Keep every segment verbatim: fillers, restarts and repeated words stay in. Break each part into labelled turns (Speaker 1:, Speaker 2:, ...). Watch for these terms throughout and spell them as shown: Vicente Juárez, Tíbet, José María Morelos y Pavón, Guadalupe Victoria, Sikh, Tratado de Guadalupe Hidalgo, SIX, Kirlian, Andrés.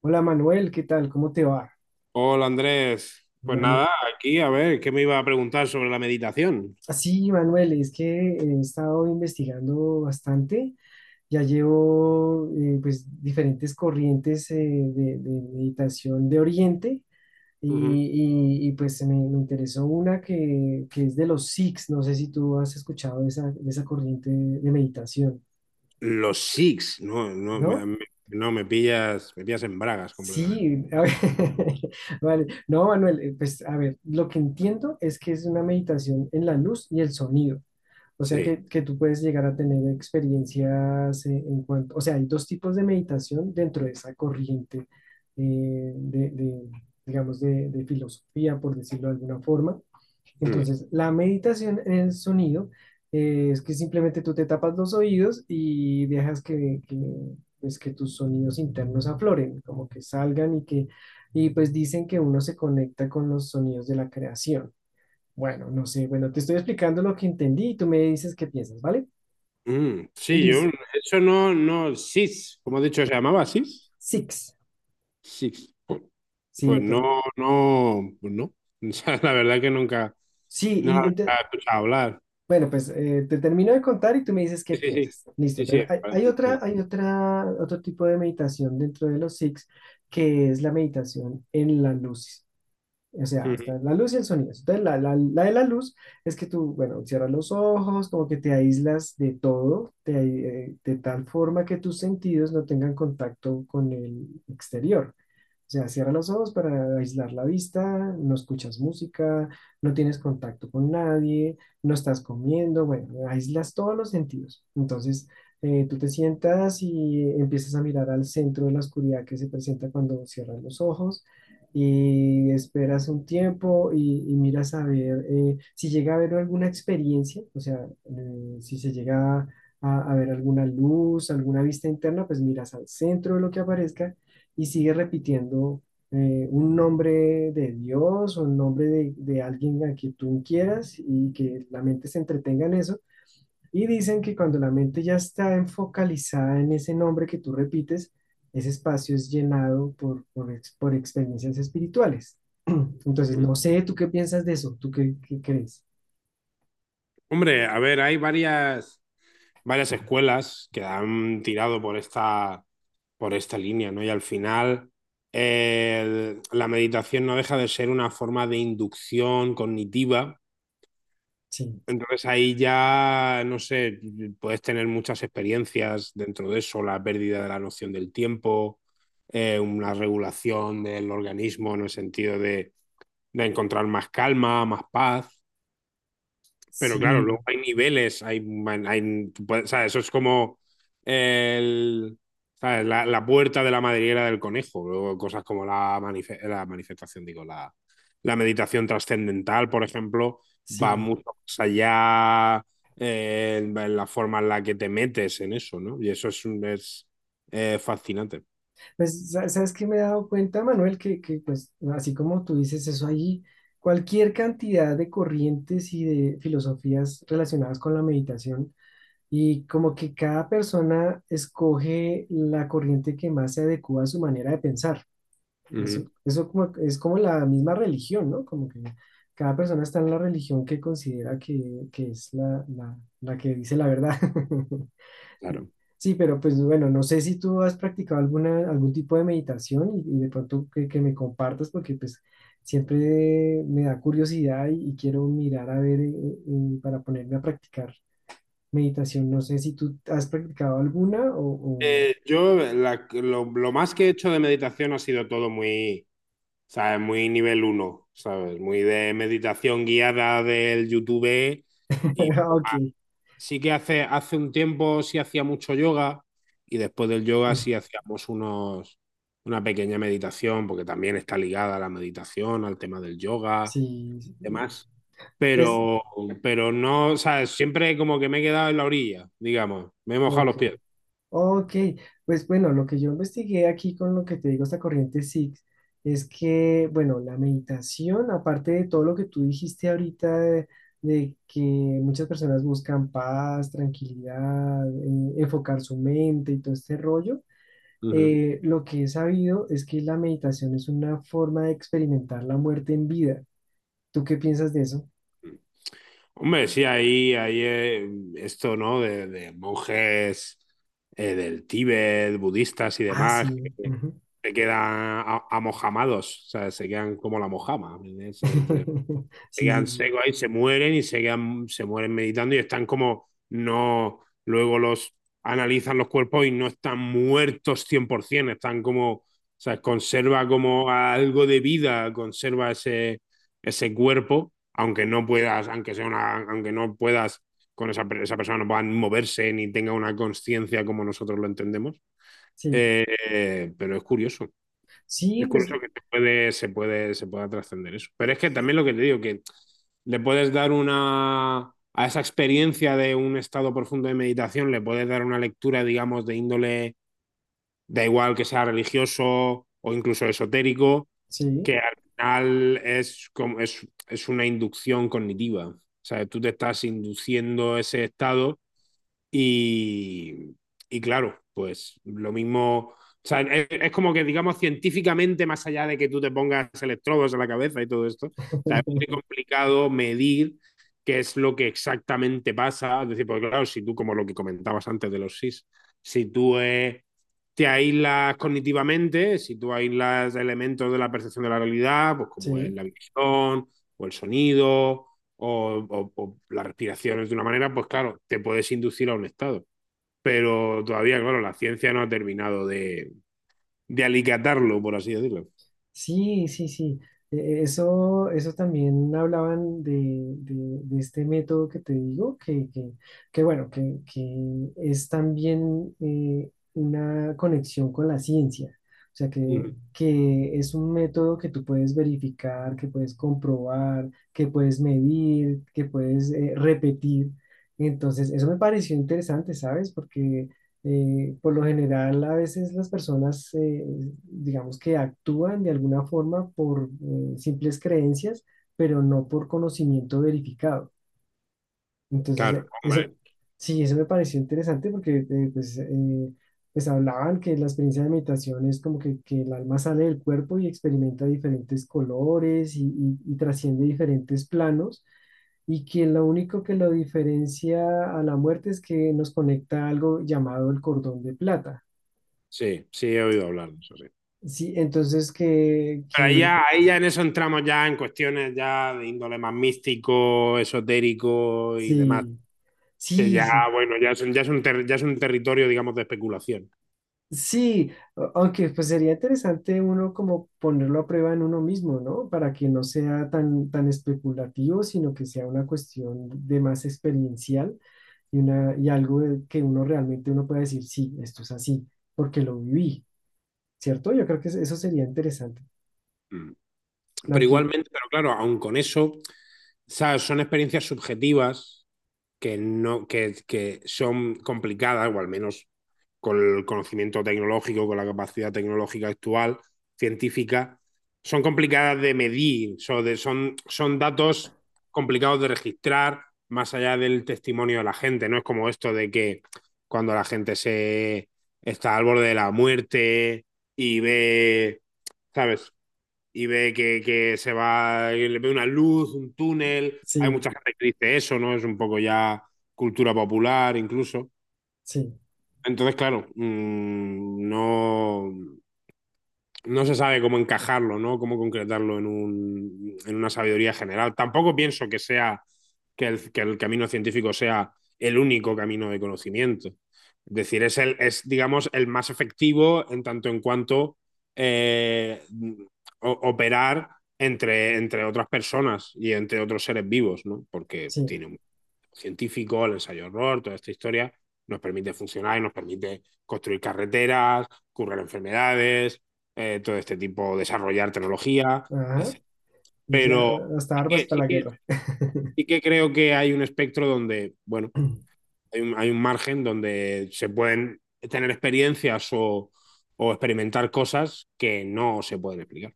Speaker 1: Hola Manuel, ¿qué tal? ¿Cómo te va?
Speaker 2: Hola Andrés, pues
Speaker 1: Manu...
Speaker 2: nada, aquí a ver, ¿qué me iba a preguntar sobre la meditación?
Speaker 1: Ah, sí, Manuel, es que he estado investigando bastante. Ya llevo eh, pues diferentes corrientes eh, de, de meditación de Oriente
Speaker 2: Ujú.
Speaker 1: y, y- y, pues me, me interesó una que, que es de los Sikhs. No sé si tú has escuchado de esa, de esa corriente de de meditación,
Speaker 2: Los SIX, no, no, me,
Speaker 1: ¿no?
Speaker 2: me- no, me pillas, me pillas en bragas completamente.
Speaker 1: Sí, a ver, vale. No, Manuel, eh, pues a ver, lo que entiendo es que es una meditación en la luz y el sonido. O sea
Speaker 2: Sí.
Speaker 1: que, que tú puedes llegar a tener experiencias eh, en cuanto, o sea, hay dos tipos de meditación dentro de esa corriente eh, de, de, digamos, de, de filosofía, por decirlo de alguna forma.
Speaker 2: Mm.
Speaker 1: Entonces, la meditación en el sonido eh, es que simplemente tú te tapas los oídos y dejas que, que, pues, que tus sonidos internos afloren, como que salgan y que, y pues dicen que uno se conecta con los sonidos de la creación. Bueno, no sé, bueno, te estoy explicando lo que entendí y tú me dices qué piensas, ¿vale?
Speaker 2: Mm. Sí, yo,
Speaker 1: Listo.
Speaker 2: eso no, no, SIX, como he dicho, se llamaba SIX.
Speaker 1: Six.
Speaker 2: SIX. Pues,
Speaker 1: Sí,
Speaker 2: pues
Speaker 1: entonces,
Speaker 2: no, no, pues no. O sea, la verdad que nunca,
Speaker 1: sí,
Speaker 2: no la
Speaker 1: y ente-
Speaker 2: había escuchado hablar.
Speaker 1: bueno, pues eh, te termino de contar y tú me dices
Speaker 2: Sí,
Speaker 1: qué
Speaker 2: sí, sí,
Speaker 1: piensas. Listo.
Speaker 2: sí, sí,
Speaker 1: Entonces, hay,
Speaker 2: parece
Speaker 1: hay otra,
Speaker 2: muy
Speaker 1: hay otra, otro tipo de meditación dentro de los six, que es la meditación en la luz. O sea,
Speaker 2: interesante.
Speaker 1: está la luz y el sonido. Entonces, la, la, la de la luz es que tú, bueno, cierras los ojos, como que te aíslas de todo, te, ai- eh, de tal forma que tus sentidos no tengan contacto con el exterior. O sea, cierra los ojos para aislar la vista, no escuchas música, no tienes contacto con nadie, no estás comiendo, bueno, aíslas todos los sentidos. Entonces, eh, tú te sientas y empiezas a mirar al centro de la oscuridad que se presenta cuando cierras los ojos y esperas un tiempo y, y miras a ver eh, si llega a haber alguna experiencia, o sea, eh, si se llega a, a ver alguna luz, alguna vista interna, pues miras al centro de lo que aparezca y sigue repitiendo eh, un nombre de Dios o un nombre de, de alguien a quien tú quieras y que la mente se entretenga en eso. Y dicen que cuando la mente ya está enfocalizada en ese nombre que tú repites, ese espacio es llenado por, por, ex- por experiencias espirituales. Entonces,
Speaker 2: Ujú, ujú.
Speaker 1: no sé, ¿tú qué piensas de eso? ¿Tú qué, qué crees?
Speaker 2: Hombre, a ver, hay varias. varias escuelas que han tirado por esta, por esta línea, ¿no? Y al final eh, la meditación no deja de ser una forma de inducción cognitiva.
Speaker 1: Sí,
Speaker 2: Entonces ahí ya, no sé, puedes tener muchas experiencias dentro de eso, la pérdida de la noción del tiempo, eh, una regulación del organismo en el sentido de, de encontrar más calma, más paz. Pero claro, luego
Speaker 1: sí,
Speaker 2: hay niveles, hay, man- hay- tú puedes- o sea, eso es como el, ¿sabes? La, la puerta de la madriguera del conejo, luego cosas como la, manife- la manifestación, digo, la, la meditación trascendental, por ejemplo, va
Speaker 1: sí.
Speaker 2: mucho más allá eh, en, en la forma en la que te metes en eso, ¿no? Y eso es, un- es eh, fascinante.
Speaker 1: Pues, sa- ¿sabes qué me he dado cuenta, Manuel? Que, que, pues, así como tú dices, eso ahí, cualquier cantidad de corrientes y de filosofías relacionadas con la meditación, y como que cada persona escoge la corriente que más se adecua a su manera de pensar. Eso,
Speaker 2: Ujú,
Speaker 1: eso como, es como la misma religión, ¿no? Como que cada persona está en la religión que considera que, que es la, la la que dice la verdad.
Speaker 2: claro.
Speaker 1: Sí, pero pues bueno, no sé si tú has practicado alguna, algún tipo de meditación y, y de pronto que, que me compartas porque pues siempre me da curiosidad y, y quiero mirar a ver eh, eh, para ponerme a practicar meditación. No sé si tú has practicado alguna o... o...
Speaker 2: Eh, yo la- lo, lo más que he hecho de meditación ha sido todo muy, ¿sabes? Muy nivel uno, ¿sabes? Muy de meditación guiada del YouTube y
Speaker 1: Ah,
Speaker 2: poco más.
Speaker 1: ok,
Speaker 2: Sí que hace, hace un tiempo sí hacía mucho yoga y después del yoga sí hacíamos unos, una pequeña meditación, porque también está ligada a la meditación, al tema del yoga,
Speaker 1: sí, sí,
Speaker 2: demás.
Speaker 1: pues
Speaker 2: Pero, pero no, ¿sabes? Siempre como que me he quedado en la orilla, digamos, me he mojado los
Speaker 1: ok.
Speaker 2: pies.
Speaker 1: Ok, pues bueno, lo que yo investigué aquí con lo que te digo, esta corriente S I X, es que, bueno, la meditación, aparte de todo lo que tú dijiste ahorita, de, de que muchas personas buscan paz, tranquilidad, eh, enfocar su mente y todo este rollo,
Speaker 2: Uh -huh.
Speaker 1: eh, lo que he sabido es que la meditación es una forma de experimentar la muerte en vida. ¿Tú qué piensas de eso?
Speaker 2: Hombre, sí, ahí, ahí eh, esto, ¿no? De, de monjes eh, del Tíbet, budistas y
Speaker 1: Ah,
Speaker 2: demás, que
Speaker 1: sí. Ujú.
Speaker 2: se quedan a- amojamados, o sea, se quedan como la mojama. ¿Sí? Se
Speaker 1: Sí, sí,
Speaker 2: quedan
Speaker 1: sí.
Speaker 2: secos ahí, se mueren y se, quedan, se mueren meditando y están como no, luego los analizan los cuerpos y no están muertos cien por cien, están como, o sea, conserva como algo de vida, conserva ese, ese cuerpo, aunque no puedas, aunque sea una, aunque no puedas con esa, esa persona no puedan moverse ni tenga una conciencia como nosotros lo entendemos.
Speaker 1: Sí,
Speaker 2: Eh, pero es curioso.
Speaker 1: sí,
Speaker 2: Es
Speaker 1: pues
Speaker 2: curioso que se puede, se puede, se pueda trascender eso. Pero es que también lo que te digo, que le puedes dar una a esa experiencia de un estado profundo de meditación, le puedes dar una lectura, digamos, de índole, da igual que sea religioso o incluso esotérico,
Speaker 1: sí,
Speaker 2: que al final es, como, es, es una inducción cognitiva. O sea, tú te estás induciendo ese estado y, y claro, pues lo mismo. O sea, es, es, como que, digamos, científicamente, más allá de que tú te pongas electrodos en la cabeza y todo esto, o sea, es muy complicado medir qué es lo que exactamente pasa. Es decir, pues claro, si tú, como lo que comentabas antes de los SIS, si tú eh, te aíslas cognitivamente, si tú aíslas elementos de la percepción de la realidad, pues como es
Speaker 1: sí.
Speaker 2: la visión o el sonido o, o, o las respiraciones de una manera, pues claro, te puedes inducir a un estado. Pero todavía, claro, la ciencia no ha terminado de, de alicatarlo, por así decirlo.
Speaker 1: Sí, sí, sí. E- Eso, eso también hablaban de, de- de este método que te digo, que, que, que bueno, que, que es también eh, una conexión con la ciencia. O sea, que,
Speaker 2: Ujú.
Speaker 1: que es un método que tú puedes verificar, que puedes comprobar, que puedes medir, que puedes eh, repetir. Entonces, eso me pareció interesante, ¿sabes? Porque eh, por lo general, a veces las personas, eh, digamos que actúan de alguna forma por eh, simples creencias, pero no por conocimiento verificado. Entonces,
Speaker 2: Claro,
Speaker 1: eh,
Speaker 2: hombre,
Speaker 1: eso, sí, eso me pareció interesante porque eh, pues, eh, pues hablaban que la experiencia de meditación es como que, que el alma sale del cuerpo y experimenta diferentes colores y, y- y trasciende diferentes planos y que lo único que lo diferencia a la muerte es que nos conecta a algo llamado el cordón de plata.
Speaker 2: sí, sí he oído hablar de eso, sí.
Speaker 1: Sí, entonces que,
Speaker 2: Pero ahí
Speaker 1: que
Speaker 2: ya, ahí ya en eso entramos ya en cuestiones ya de índole más místico, esotérico y demás,
Speaker 1: sí,
Speaker 2: que
Speaker 1: sí,
Speaker 2: ya,
Speaker 1: sí.
Speaker 2: bueno, ya es, un- ya es un, ter- ya es un territorio, digamos, de especulación.
Speaker 1: Sí, a- aunque pues sería interesante uno como ponerlo a prueba en uno mismo, ¿no? Para que no sea tan, tan especulativo, sino que sea una cuestión de más experiencial y, una, y algo de- que uno realmente uno pueda decir, sí, esto es así, porque lo viví, ¿cierto? Yo creo que es- eso sería interesante.
Speaker 2: Mm.
Speaker 1: La
Speaker 2: Pero
Speaker 1: que,
Speaker 2: igualmente, pero claro, aun con eso, ¿sabes? Son experiencias subjetivas que, no, que, que son complicadas, o al menos con el conocimiento tecnológico, con la capacidad tecnológica actual, científica, son complicadas de medir, son, de, son, son datos complicados de registrar más allá del testimonio de la gente, no es como esto de que cuando la gente se está al borde de la muerte y ve, ¿sabes? Y ve que, que se va, le ve una luz, un túnel. Hay
Speaker 1: sí,
Speaker 2: mucha gente que dice eso, ¿no? Es un poco ya cultura popular incluso.
Speaker 1: sí,
Speaker 2: Entonces, claro, mmm, no, no se sabe cómo encajarlo, ¿no? Cómo concretarlo en, un, en una sabiduría general. Tampoco pienso que sea que el, que el, camino científico sea el único camino de conocimiento. Es decir, es, el, es digamos, el más efectivo en tanto en cuanto eh, operar entre, entre otras personas y entre otros seres vivos, ¿no? Porque
Speaker 1: sí,
Speaker 2: tiene científico, el ensayo error toda esta historia, nos permite funcionar y nos permite construir carreteras, curar enfermedades, eh, todo este tipo, desarrollar tecnología,
Speaker 1: ajá,
Speaker 2: etcétera.
Speaker 1: y ya,
Speaker 2: Pero
Speaker 1: hasta
Speaker 2: sí
Speaker 1: armas
Speaker 2: que,
Speaker 1: para
Speaker 2: sí,
Speaker 1: la
Speaker 2: que,
Speaker 1: guerra.
Speaker 2: sí que, creo que hay un espectro donde, bueno, hay un, hay un margen donde se pueden tener experiencias o, o experimentar cosas que no se pueden explicar.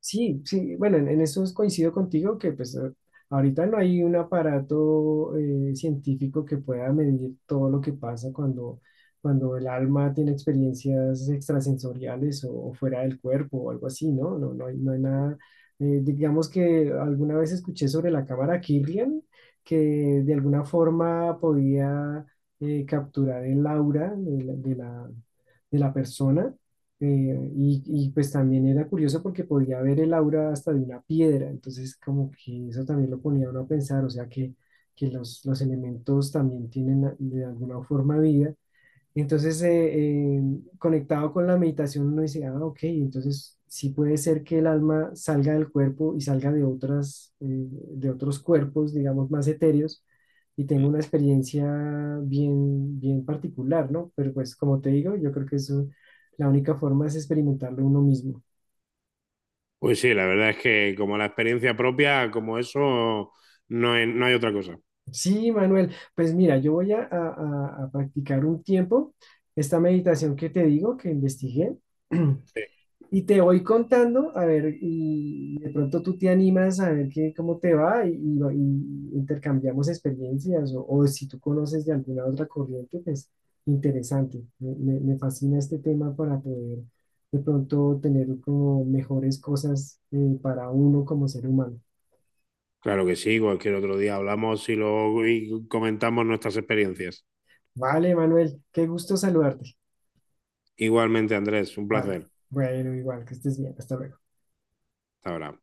Speaker 1: Sí, sí, bueno, en, en eso coincido contigo que pues eh, ahorita no hay un aparato eh, científico que pueda medir todo lo que pasa cuando, cuando el alma tiene experiencias extrasensoriales o, o fuera del cuerpo o algo así, ¿no? No, no hay, no hay nada. Eh, digamos que alguna vez escuché sobre la cámara Kirlian que de alguna forma podía eh, capturar el aura de la, de la de la persona eh, y, y, pues también era curioso porque podía ver el aura hasta de una piedra, entonces como que eso también lo ponía a uno a pensar, o sea que, que los, los elementos también tienen a- de alguna forma vida entonces, eh, eh, conectado con la meditación, uno dice, ah, ok, entonces sí puede ser que el alma salga del cuerpo y salga de otras, eh, de otros cuerpos, digamos, más etéreos, y tenga una experiencia bien, bien particular, ¿no? Pero pues, como te digo, yo creo que eso, la única forma es experimentarlo uno mismo.
Speaker 2: Pues sí, la verdad es que como la experiencia propia, como eso, no hay, no hay otra cosa.
Speaker 1: Sí, Manuel, pues mira, yo voy a, a a- a practicar un tiempo esta meditación que te digo, que investigué. Y te voy contando, a ver, y de pronto tú te animas a ver qué, cómo te va y, y va- y intercambiamos experiencias o, o si tú conoces de alguna otra corriente, pues interesante. Me, me- me fascina este tema para poder de pronto tener como mejores cosas eh, para uno como ser humano.
Speaker 2: Claro que sí, cualquier otro día hablamos y, lo, y comentamos nuestras experiencias.
Speaker 1: Vale, Manuel, qué gusto saludarte.
Speaker 2: Igualmente, Andrés, un
Speaker 1: Vale,
Speaker 2: placer.
Speaker 1: bueno, igual, que estés bien. Hasta luego.
Speaker 2: Hasta ahora.